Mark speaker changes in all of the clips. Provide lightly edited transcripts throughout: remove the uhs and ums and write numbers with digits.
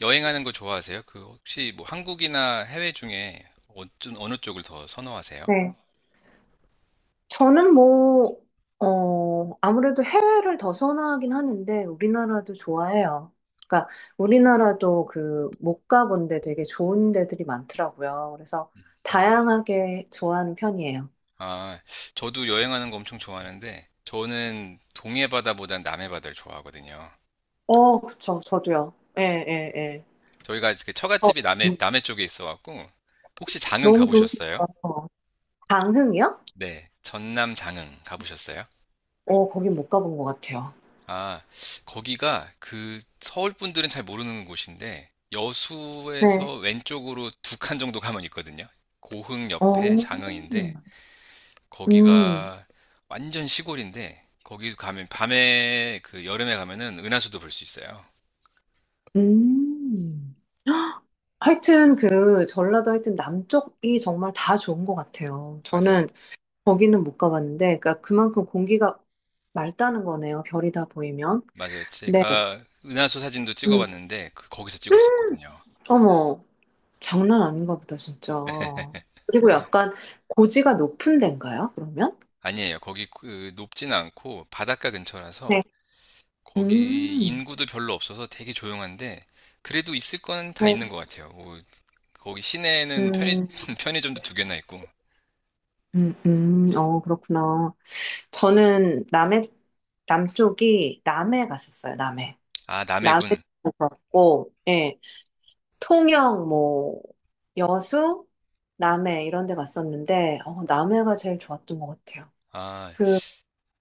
Speaker 1: 여행하는 거 좋아하세요? 그 혹시 뭐 한국이나 해외 중에 어느 쪽을 더 선호하세요?
Speaker 2: 네. 저는 뭐, 아무래도 해외를 더 선호하긴 하는데, 우리나라도 좋아해요. 그러니까, 우리나라도 그, 못 가본 데 되게 좋은 데들이 많더라고요. 그래서,
Speaker 1: 음.
Speaker 2: 다양하게 좋아하는 편이에요.
Speaker 1: 아, 저도 여행하는 거 엄청 좋아하는데 저는 동해 바다보단 남해 바다를 좋아하거든요.
Speaker 2: 어, 그쵸. 저도요. 예, 예, 예.
Speaker 1: 저희가 그
Speaker 2: 어,
Speaker 1: 처갓집이
Speaker 2: 음,
Speaker 1: 남해 쪽에 있어 갖고 혹시 장흥
Speaker 2: 너무 좋으신
Speaker 1: 가보셨어요?
Speaker 2: 것 같아요. 강흥이요?
Speaker 1: 네, 전남 장흥 가보셨어요?
Speaker 2: 거긴 못 가본 것 같아요.
Speaker 1: 아, 거기가 그 서울 분들은 잘 모르는 곳인데
Speaker 2: 네.
Speaker 1: 여수에서 왼쪽으로 두 칸 정도 가면 있거든요. 고흥
Speaker 2: 어,
Speaker 1: 옆에
Speaker 2: 음,
Speaker 1: 장흥인데 거기가 완전 시골인데 거기 가면 밤에 그 여름에 가면은 은하수도 볼 수 있어요.
Speaker 2: 음. 하여튼 그 전라도 하여튼 남쪽이 정말 다 좋은 것 같아요.
Speaker 1: 맞아요.
Speaker 2: 저는 거기는 못 가봤는데, 그러니까 그만큼 공기가 맑다는 거네요. 별이 다 보이면.
Speaker 1: 맞아요.
Speaker 2: 네.
Speaker 1: 제가 은하수 사진도
Speaker 2: 음.
Speaker 1: 찍어봤는데 그 거기서 찍었었거든요.
Speaker 2: 어머, 장난 아닌가 보다, 진짜. 그리고 약간 고지가 높은 데인가요, 그러면?
Speaker 1: 아니에요. 거기 그 높진 않고 바닷가 근처라서
Speaker 2: 네.
Speaker 1: 거기
Speaker 2: 음,
Speaker 1: 인구도 별로 없어서 되게 조용한데 그래도 있을 건 다
Speaker 2: 네.
Speaker 1: 있는 것 같아요. 뭐 거기 시내에는 편의,
Speaker 2: 음,
Speaker 1: 편의점도 두 개나 있고.
Speaker 2: 어, 그렇구나. 저는 남해, 남쪽이 남해 갔었어요, 남해.
Speaker 1: 아,
Speaker 2: 남해도
Speaker 1: 남해군.
Speaker 2: 그렇고, 예, 통영, 뭐, 여수, 남해 이런 데 갔었는데, 남해가 제일 좋았던 것 같아요.
Speaker 1: 아,
Speaker 2: 그,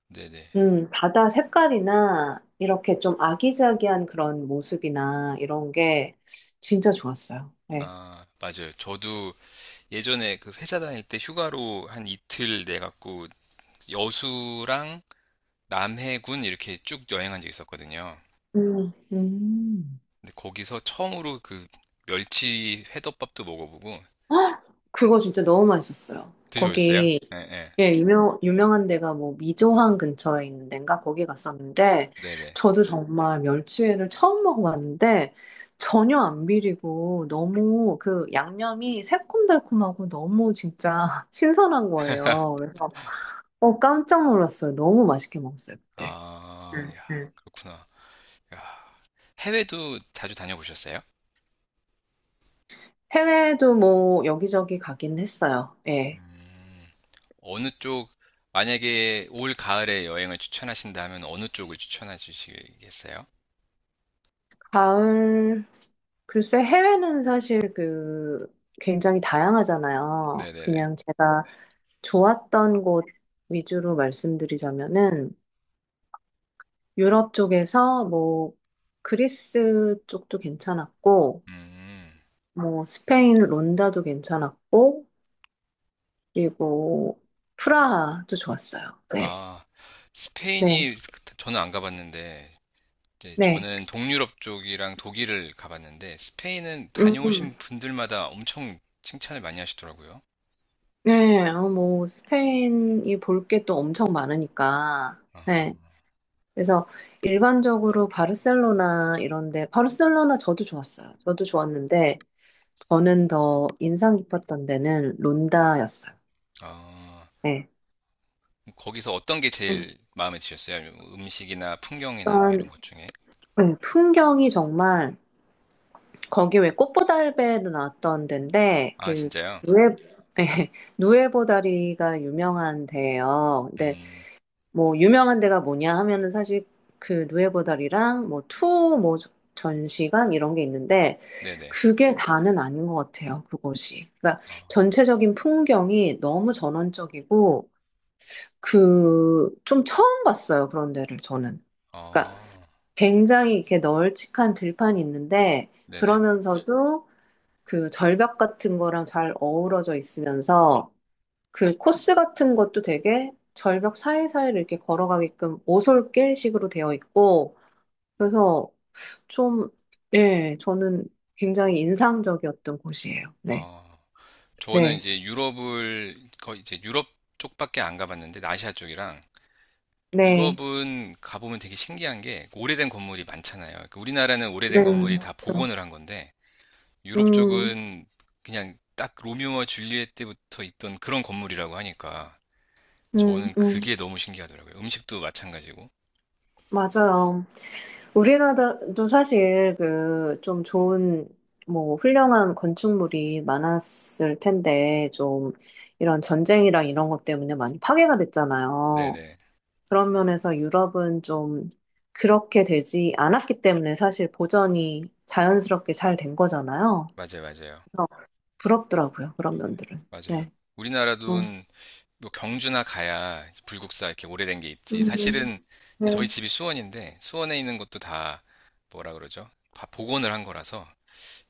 Speaker 1: 네네.
Speaker 2: 바다 색깔이나 이렇게 좀 아기자기한 그런 모습이나 이런 게 진짜 좋았어요. 예.
Speaker 1: 아, 맞아요. 저도 예전에 그 회사 다닐 때 휴가로 한 이틀 내갖고 여수랑 남해군 이렇게 쭉 여행한 적 있었거든요.
Speaker 2: 음.
Speaker 1: 근데 거기서 처음으로 그 멸치 회덮밥도 먹어보고
Speaker 2: 헉! 그거 진짜 너무 맛있었어요.
Speaker 1: 드셔보셨어요?
Speaker 2: 거기
Speaker 1: 예, 예.
Speaker 2: 예, 유명한 데가 뭐 미조항 근처에 있는 데인가 거기 갔었는데
Speaker 1: 네네.
Speaker 2: 저도 정말 멸치회를 처음 먹어봤는데 전혀 안 비리고 너무 그 양념이 새콤달콤하고 너무 진짜 신선한 거예요. 그래서 깜짝 놀랐어요. 너무 맛있게 먹었어요, 그때.
Speaker 1: 아,
Speaker 2: 음,
Speaker 1: 야,
Speaker 2: 음.
Speaker 1: 그렇구나. 야, 해외도 자주 다녀보셨어요?
Speaker 2: 해외도 뭐 여기저기 가긴 했어요. 예.
Speaker 1: 음, 어느 쪽, 만약에 올 가을에 여행을 추천하신다면 어느 쪽을 추천해 주시겠어요?
Speaker 2: 가을, 글쎄 해외는 사실 그 굉장히 다양하잖아요.
Speaker 1: 네네네.
Speaker 2: 그냥 제가 좋았던 곳 위주로 말씀드리자면은 유럽 쪽에서 뭐 그리스 쪽도 괜찮았고
Speaker 1: 음,
Speaker 2: 뭐 스페인 론다도 괜찮았고 그리고 프라하도 좋았어요. 네.
Speaker 1: 아,
Speaker 2: 네.
Speaker 1: 스페인이 그- 저는 안 가봤는데 이제
Speaker 2: 네.
Speaker 1: 저는 동유럽 쪽이랑 독일을 가봤는데 스페인은
Speaker 2: 음.
Speaker 1: 다녀오신 분들마다 엄청 칭찬을 많이 하시더라고요.
Speaker 2: 네. 뭐 스페인이 볼 게 또 엄청 많으니까.
Speaker 1: 아,
Speaker 2: 네. 그래서 일반적으로 바르셀로나 이런데, 바르셀로나 저도 좋았어요. 저도 좋았는데, 저는 더 인상 깊었던 데는 론다였어요.
Speaker 1: 아,
Speaker 2: 네.
Speaker 1: 거기서 어떤 게
Speaker 2: 음.
Speaker 1: 제일 마음에 드셨어요? 음식이나 풍경이나 뭐
Speaker 2: 일단,
Speaker 1: 이런 것 중에?
Speaker 2: 네, 풍경이 정말, 거기 왜 꽃보다 할배도 나왔던 데인데,
Speaker 1: 아,
Speaker 2: 그,
Speaker 1: 진짜요?
Speaker 2: 누에, 네, 누에보다리가 유명한 데예요.
Speaker 1: 음,
Speaker 2: 뭐 유명한 데가 뭐냐 하면은 사실 그 누에보달이랑 뭐 투 뭐 전시관 이런 게 있는데
Speaker 1: 네네.
Speaker 2: 그게 다는 아닌 것 같아요. 그곳이. 그러니까
Speaker 1: 어,
Speaker 2: 전체적인 풍경이 너무 전원적이고 그 좀 처음 봤어요. 그런 데를 저는. 그러니까
Speaker 1: 어,
Speaker 2: 굉장히 이렇게 널찍한 들판이 있는데
Speaker 1: 네네.
Speaker 2: 그러면서도 그 절벽 같은 거랑 잘 어우러져 있으면서 그 코스 같은 것도 되게 절벽 사이사이를 이렇게 걸어가게끔 오솔길식으로 되어 있고, 그래서 좀, 예, 저는 굉장히 인상적이었던 곳이에요. 네.
Speaker 1: 어, 저는
Speaker 2: 네.
Speaker 1: 이제 유럽을 거의 이제 유럽 쪽밖에 안 가봤는데 아시아 쪽이랑
Speaker 2: 네.
Speaker 1: 유럽은 가보면 되게 신기한 게 오래된 건물이 많잖아요. 그러니까 우리나라는 오래된
Speaker 2: 네.
Speaker 1: 건물이 다
Speaker 2: 그렇죠.
Speaker 1: 복원을 한 건데 유럽
Speaker 2: 음,
Speaker 1: 쪽은 그냥 딱 로미오와 줄리엣 때부터 있던 그런 건물이라고 하니까
Speaker 2: 음,
Speaker 1: 저는
Speaker 2: 음.
Speaker 1: 그게 너무 신기하더라고요. 음식도 마찬가지고.
Speaker 2: 맞아요. 우리나라도 사실 그 좀 좋은, 뭐, 훌륭한 건축물이 많았을 텐데, 좀 이런 전쟁이랑 이런 것 때문에 많이 파괴가 됐잖아요.
Speaker 1: 네네.
Speaker 2: 그런 면에서 유럽은 좀 그렇게 되지 않았기 때문에 사실 보전이 자연스럽게 잘 된 거잖아요.
Speaker 1: 맞아요, 맞아요.
Speaker 2: 그래서 부럽더라고요, 그런 면들은.
Speaker 1: 맞아요.
Speaker 2: 네. 어.
Speaker 1: 우리나라도 뭐 경주나 가야 불국사 이렇게 오래된 게 있지.
Speaker 2: 음,
Speaker 1: 사실은 저희
Speaker 2: 네.
Speaker 1: 집이 수원인데 수원에 있는 것도 다 뭐라 그러죠? 다 복원을 한 거라서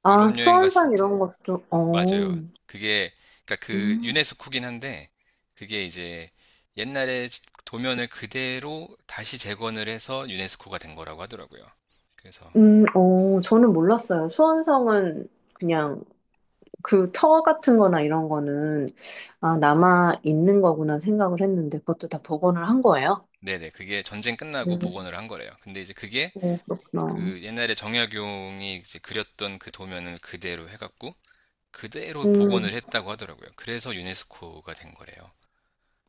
Speaker 2: 아,
Speaker 1: 유럽 여행 갔을
Speaker 2: 수원상 이런 것도,
Speaker 1: 맞아요.
Speaker 2: 어.
Speaker 1: 그게 그러니까 그
Speaker 2: 음,
Speaker 1: 유네스코긴 한데 그게 이제 옛날에 도면을 그대로 다시 재건을 해서 유네스코가 된 거라고 하더라고요. 그래서
Speaker 2: 어, 저는 몰랐어요. 수원성은 그냥 그 터 같은 거나 이런 거는, 아, 남아 있는 거구나 생각을 했는데, 그것도 다 복원을 한 거예요?
Speaker 1: 네네 그게 전쟁 끝나고
Speaker 2: 음,
Speaker 1: 복원을 한 거래요. 근데 이제 그게
Speaker 2: 네, 그렇구나.
Speaker 1: 그 옛날에 정약용이 이제 그렸던 그 도면을 그대로 해갖고 그대로
Speaker 2: 음,
Speaker 1: 복원을 했다고 하더라고요. 그래서 유네스코가 된 거래요.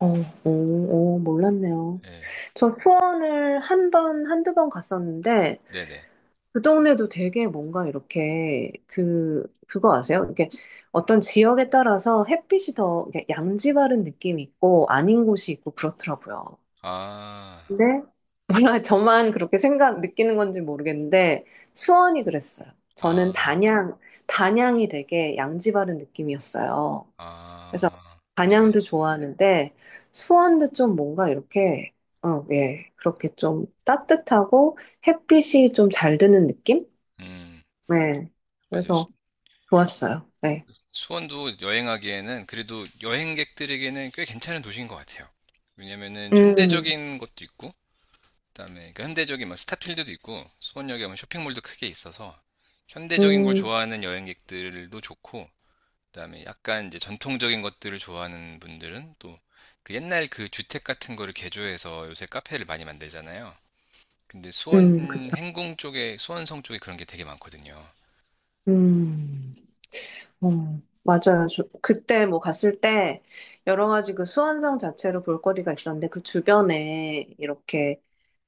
Speaker 2: 어, 오, 오, 몰랐네요.
Speaker 1: 네,
Speaker 2: 저 수원을 한 번, 한두 번 갔었는데,
Speaker 1: 네네.
Speaker 2: 그 동네도 되게 뭔가 이렇게, 그, 그거 아세요? 이렇게 어떤 지역에 따라서 햇빛이 더 이렇게 양지바른 느낌이 있고, 아닌 곳이 있고, 그렇더라고요.
Speaker 1: 아,
Speaker 2: 근데, 몰라, 저만 그렇게 느끼는 건지 모르겠는데, 수원이 그랬어요. 저는
Speaker 1: 아,
Speaker 2: 단양이 되게 양지바른 느낌이었어요.
Speaker 1: 아, 네네.
Speaker 2: 단양도 좋아하는데 수원도 좀 뭔가 이렇게 예. 그렇게 좀 따뜻하고 햇빛이 좀 잘 드는 느낌?
Speaker 1: 음,
Speaker 2: 네.
Speaker 1: 맞아요.
Speaker 2: 그래서 좋았어요. 네.
Speaker 1: 수원도 여행하기에는 그래도 여행객들에게는 꽤 괜찮은 도시인 것 같아요. 왜냐면은
Speaker 2: 음.
Speaker 1: 현대적인 것도 있고, 그다음에 그 현대적인 막 스타필드도 있고, 수원역에 보면 쇼핑몰도 크게 있어서 현대적인 걸
Speaker 2: 음.
Speaker 1: 좋아하는 여행객들도 좋고, 그다음에 약간 이제 전통적인 것들을 좋아하는 분들은 또 그 옛날 그 주택 같은 거를 개조해서 요새 카페를 많이 만들잖아요. 근데 수원
Speaker 2: 음.
Speaker 1: 행궁 쪽에 수원성 쪽에 그런 게 되게 많거든요.
Speaker 2: 음. 음. 맞아요. 그때 뭐 갔을 때 여러 가지 그 수원성 자체로 볼거리가 있었는데 그 주변에 이렇게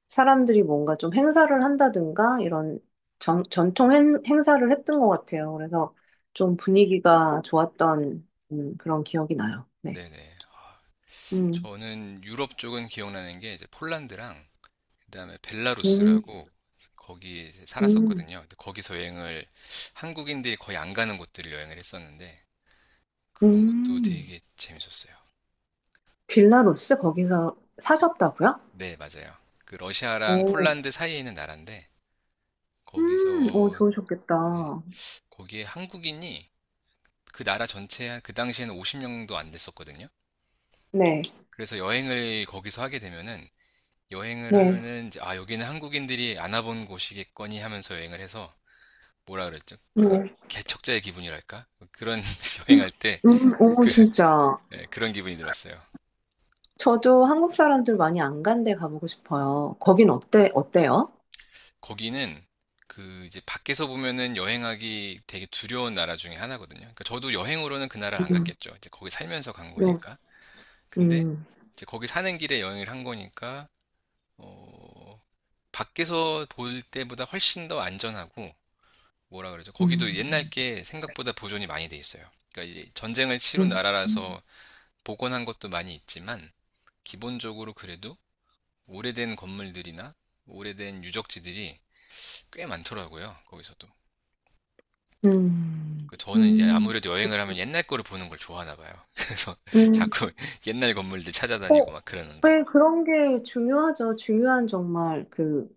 Speaker 2: 사람들이 뭔가 좀 행사를 한다든가 이런 전통 행사를 했던 것 같아요. 그래서 좀 분위기가 좋았던 그런 기억이 나요. 네.
Speaker 1: 네네.
Speaker 2: 음,
Speaker 1: 저는 유럽 쪽은 기억나는 게 이제 폴란드랑 그다음에
Speaker 2: 음,
Speaker 1: 벨라루스라고 거기 이제
Speaker 2: 음,
Speaker 1: 살았었거든요. 근데 거기서 여행을 한국인들이 거의 안 가는 곳들을 여행을 했었는데 그런 것도
Speaker 2: 음.
Speaker 1: 되게 재밌었어요.
Speaker 2: 빌라루스 거기서 사셨다고요?
Speaker 1: 네, 맞아요. 그 러시아랑
Speaker 2: 오,
Speaker 1: 폴란드 사이에 있는 나라인데
Speaker 2: 오,
Speaker 1: 거기서 네,
Speaker 2: 좋으셨겠다.
Speaker 1: 거기에 한국인이 그 나라 전체 그 당시에는 50명도 안 됐었거든요.
Speaker 2: 네,
Speaker 1: 그래서 여행을 거기서 하게 되면은 여행을
Speaker 2: 네,
Speaker 1: 하면은 이제 아 여기는 한국인들이 안 와본 곳이겠거니 하면서 여행을 해서 뭐라 그랬죠? 그
Speaker 2: 네.
Speaker 1: 개척자의 기분이랄까? 그런 여행할 때
Speaker 2: 오,
Speaker 1: 그,
Speaker 2: 진짜.
Speaker 1: 네, 그런 기분이 들었어요.
Speaker 2: 저도 한국 사람들 많이 안 간데 가보고 싶어요. 거긴 어때요?
Speaker 1: 거기는 그 이제 밖에서 보면은 여행하기 되게 두려운 나라 중에 하나거든요. 그러니까 저도 여행으로는 그 나라를 안
Speaker 2: 음,
Speaker 1: 갔겠죠. 이제 거기 살면서 간
Speaker 2: 네.
Speaker 1: 거니까. 근데
Speaker 2: 음,
Speaker 1: 이제 거기 사는 길에 여행을 한 거니까 어, 밖에서 볼 때보다 훨씬 더 안전하고 뭐라 그러죠? 거기도 옛날
Speaker 2: 음,
Speaker 1: 게 생각보다 보존이 많이 돼 있어요. 그러니까 이 전쟁을 치룬
Speaker 2: 음.
Speaker 1: 나라라서 복원한 것도 많이 있지만 기본적으로 그래도 오래된 건물들이나 오래된 유적지들이 꽤 많더라고요. 거기서도.
Speaker 2: 음,
Speaker 1: 그 저는 이제
Speaker 2: 음,
Speaker 1: 아무래도 여행을 하면 옛날 거를 보는 걸 좋아하나 봐요. 그래서
Speaker 2: 음.
Speaker 1: 자꾸 옛날 건물들
Speaker 2: 어,
Speaker 1: 찾아다니고 막 그러는데.
Speaker 2: 왜 그런 게 중요하죠? 중요한 정말 그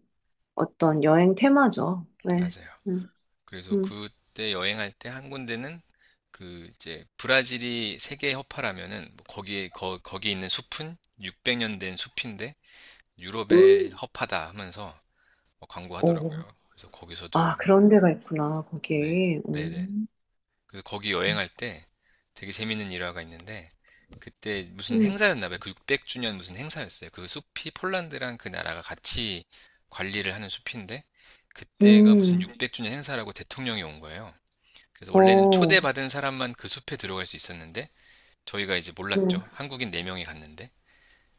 Speaker 2: 어떤 여행 테마죠. 네.
Speaker 1: 맞아요.
Speaker 2: 음,
Speaker 1: 그래서
Speaker 2: 음.
Speaker 1: 그때 여행할 때 한 군데는 그 이제 브라질이 세계 허파라면은 뭐 거기에 거, 거기 있는 숲은 600년 된 숲인데 유럽의
Speaker 2: 음.
Speaker 1: 허파다 하면서 뭐
Speaker 2: 오,
Speaker 1: 광고하더라고요. 그래서 거기서도
Speaker 2: 아, 그런
Speaker 1: 여행하고.
Speaker 2: 데가 있구나,
Speaker 1: 네.
Speaker 2: 거기.
Speaker 1: 네네. 그래서 거기 여행할 때 되게 재밌는 일화가 있는데 그때 무슨
Speaker 2: 음,
Speaker 1: 행사였나 봐요. 그 600주년 무슨 행사였어요. 그 숲이 폴란드랑 그 나라가 같이 관리를 하는 숲인데 그때가 무슨
Speaker 2: 음.
Speaker 1: 600주년 행사라고 대통령이 온 거예요. 그래서 원래는
Speaker 2: 어,
Speaker 1: 초대받은 사람만 그 숲에 들어갈 수 있었는데 저희가 이제
Speaker 2: 음,
Speaker 1: 몰랐죠. 한국인 4명이 갔는데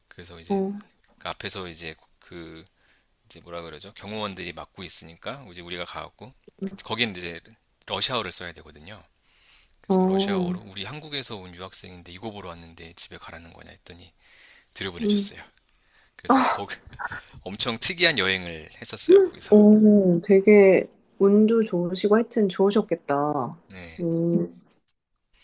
Speaker 1: 그래서 이제
Speaker 2: 어,
Speaker 1: 그 앞에서 이제 그 이제 뭐라 그러죠? 경호원들이 막고 있으니까 이제 우리가 가갖고
Speaker 2: 음,
Speaker 1: 그 거긴 이제 러시아어를 써야 되거든요. 그래서
Speaker 2: 어,
Speaker 1: 러시아어로 우리 한국에서 온 유학생인데 이거 보러 왔는데 집에 가라는 거냐 했더니
Speaker 2: 음.
Speaker 1: 들여보내줬어요. 그래서 거기 엄청 특이한 여행을 했었어요. 거기서.
Speaker 2: 오, 되게 운도 좋으시고 하여튼 좋으셨겠다.
Speaker 1: 네.
Speaker 2: 음,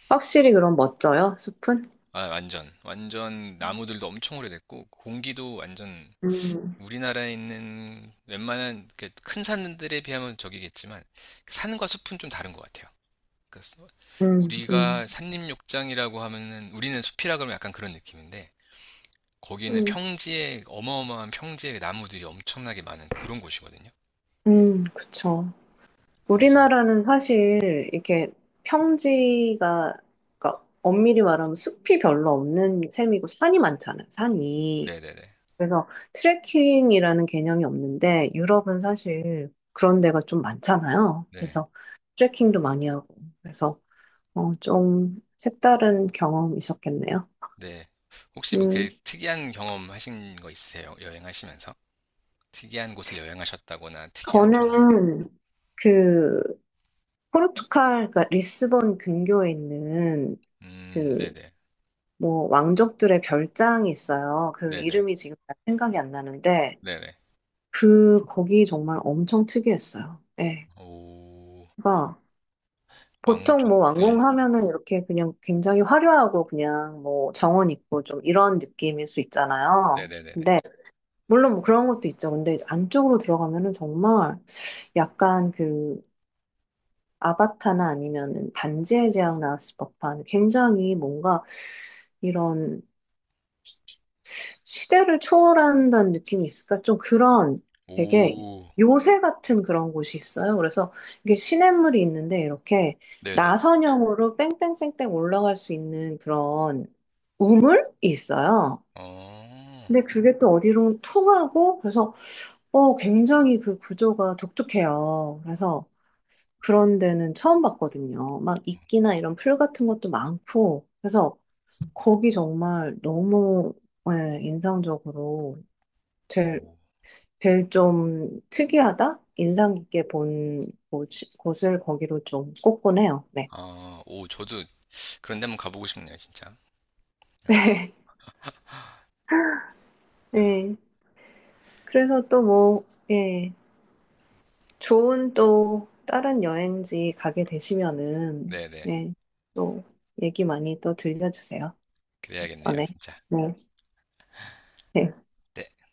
Speaker 2: 확실히 그럼 멋져요, 숲은?
Speaker 1: 아, 완전. 완전 나무들도 엄청 오래됐고 공기도 완전
Speaker 2: 음,
Speaker 1: 우리나라에 있는 웬만한 이렇게 큰 산들에 비하면 저기겠지만 산과 숲은 좀 다른 것 같아요. 그러니까
Speaker 2: 음, 음.
Speaker 1: 우리가 산림욕장이라고 하면은 우리는 숲이라 그러면 약간 그런 느낌인데 거기는
Speaker 2: 음.
Speaker 1: 평지에 어마어마한 평지에 나무들이 엄청나게 많은 그런 곳이거든요.
Speaker 2: 그쵸.
Speaker 1: 그래서
Speaker 2: 우리나라는 사실 이렇게 평지가, 그러니까 엄밀히 말하면 숲이 별로 없는 셈이고 산이 많잖아요, 산이.
Speaker 1: 네네네
Speaker 2: 그래서 트레킹이라는 개념이 없는데 유럽은 사실 그런 데가 좀 많잖아요.
Speaker 1: 네
Speaker 2: 그래서 트레킹도 많이 하고. 그래서 좀 색다른 경험이 있었겠네요.
Speaker 1: 네. 혹시 뭐
Speaker 2: 음,
Speaker 1: 그 특이한 경험 하신 거 있으세요? 여행하시면서 특이한 곳을 여행하셨다거나 특이한 경험.
Speaker 2: 저는 그 포르투갈, 그러니까 리스본 근교에 있는 그
Speaker 1: 네네
Speaker 2: 뭐 왕족들의 별장이 있어요. 그
Speaker 1: 네네
Speaker 2: 이름이 지금 잘 생각이 안 나는데
Speaker 1: 네네
Speaker 2: 그 거기 정말 엄청 특이했어요. 예.
Speaker 1: 오
Speaker 2: 그러니까 보통 뭐
Speaker 1: 왕족들
Speaker 2: 왕궁 하면은 이렇게 그냥 굉장히 화려하고 그냥 뭐 정원 있고 좀 이런 느낌일 수 있잖아요.
Speaker 1: 네네네네
Speaker 2: 근데 물론 뭐 그런 것도 있죠. 근데 이제 안쪽으로 들어가면은 정말 약간 그 아바타나 아니면은 반지의 제왕 나왔을 법한 굉장히 뭔가 이런 시대를 초월한다는 느낌이 있을까? 좀 그런 되게
Speaker 1: 오
Speaker 2: 요새 같은 그런 곳이 있어요. 그래서 이게 시냇물이 있는데 이렇게
Speaker 1: 네네
Speaker 2: 나선형으로 뺑뺑뺑뺑 올라갈 수 있는 그런 우물이 있어요.
Speaker 1: 어
Speaker 2: 근데 그게 또 어디로 통하고 그래서 굉장히 그 구조가 독특해요. 그래서 그런 데는 처음 봤거든요. 막 이끼나 이런 풀 같은 것도 많고 그래서 거기 정말 너무 예, 인상적으로 제일,
Speaker 1: 오.
Speaker 2: 제일 좀 특이하다? 인상 깊게 본 곳- 곳을 거기로 좀 꼽곤 해요. 네.
Speaker 1: 아, 오, 저도 그런 데 한번 가보고 싶네요, 진짜. 어,
Speaker 2: 네.
Speaker 1: 야,
Speaker 2: 네. 그래서 또 뭐, 예. 좋은 또 다른 여행지 가게 되시면은,
Speaker 1: 네네.
Speaker 2: 예. 또 얘기 많이 또 들려주세요.
Speaker 1: 그래야겠네요,
Speaker 2: 어, 네.
Speaker 1: 진짜.
Speaker 2: 네. 네.
Speaker 1: 네.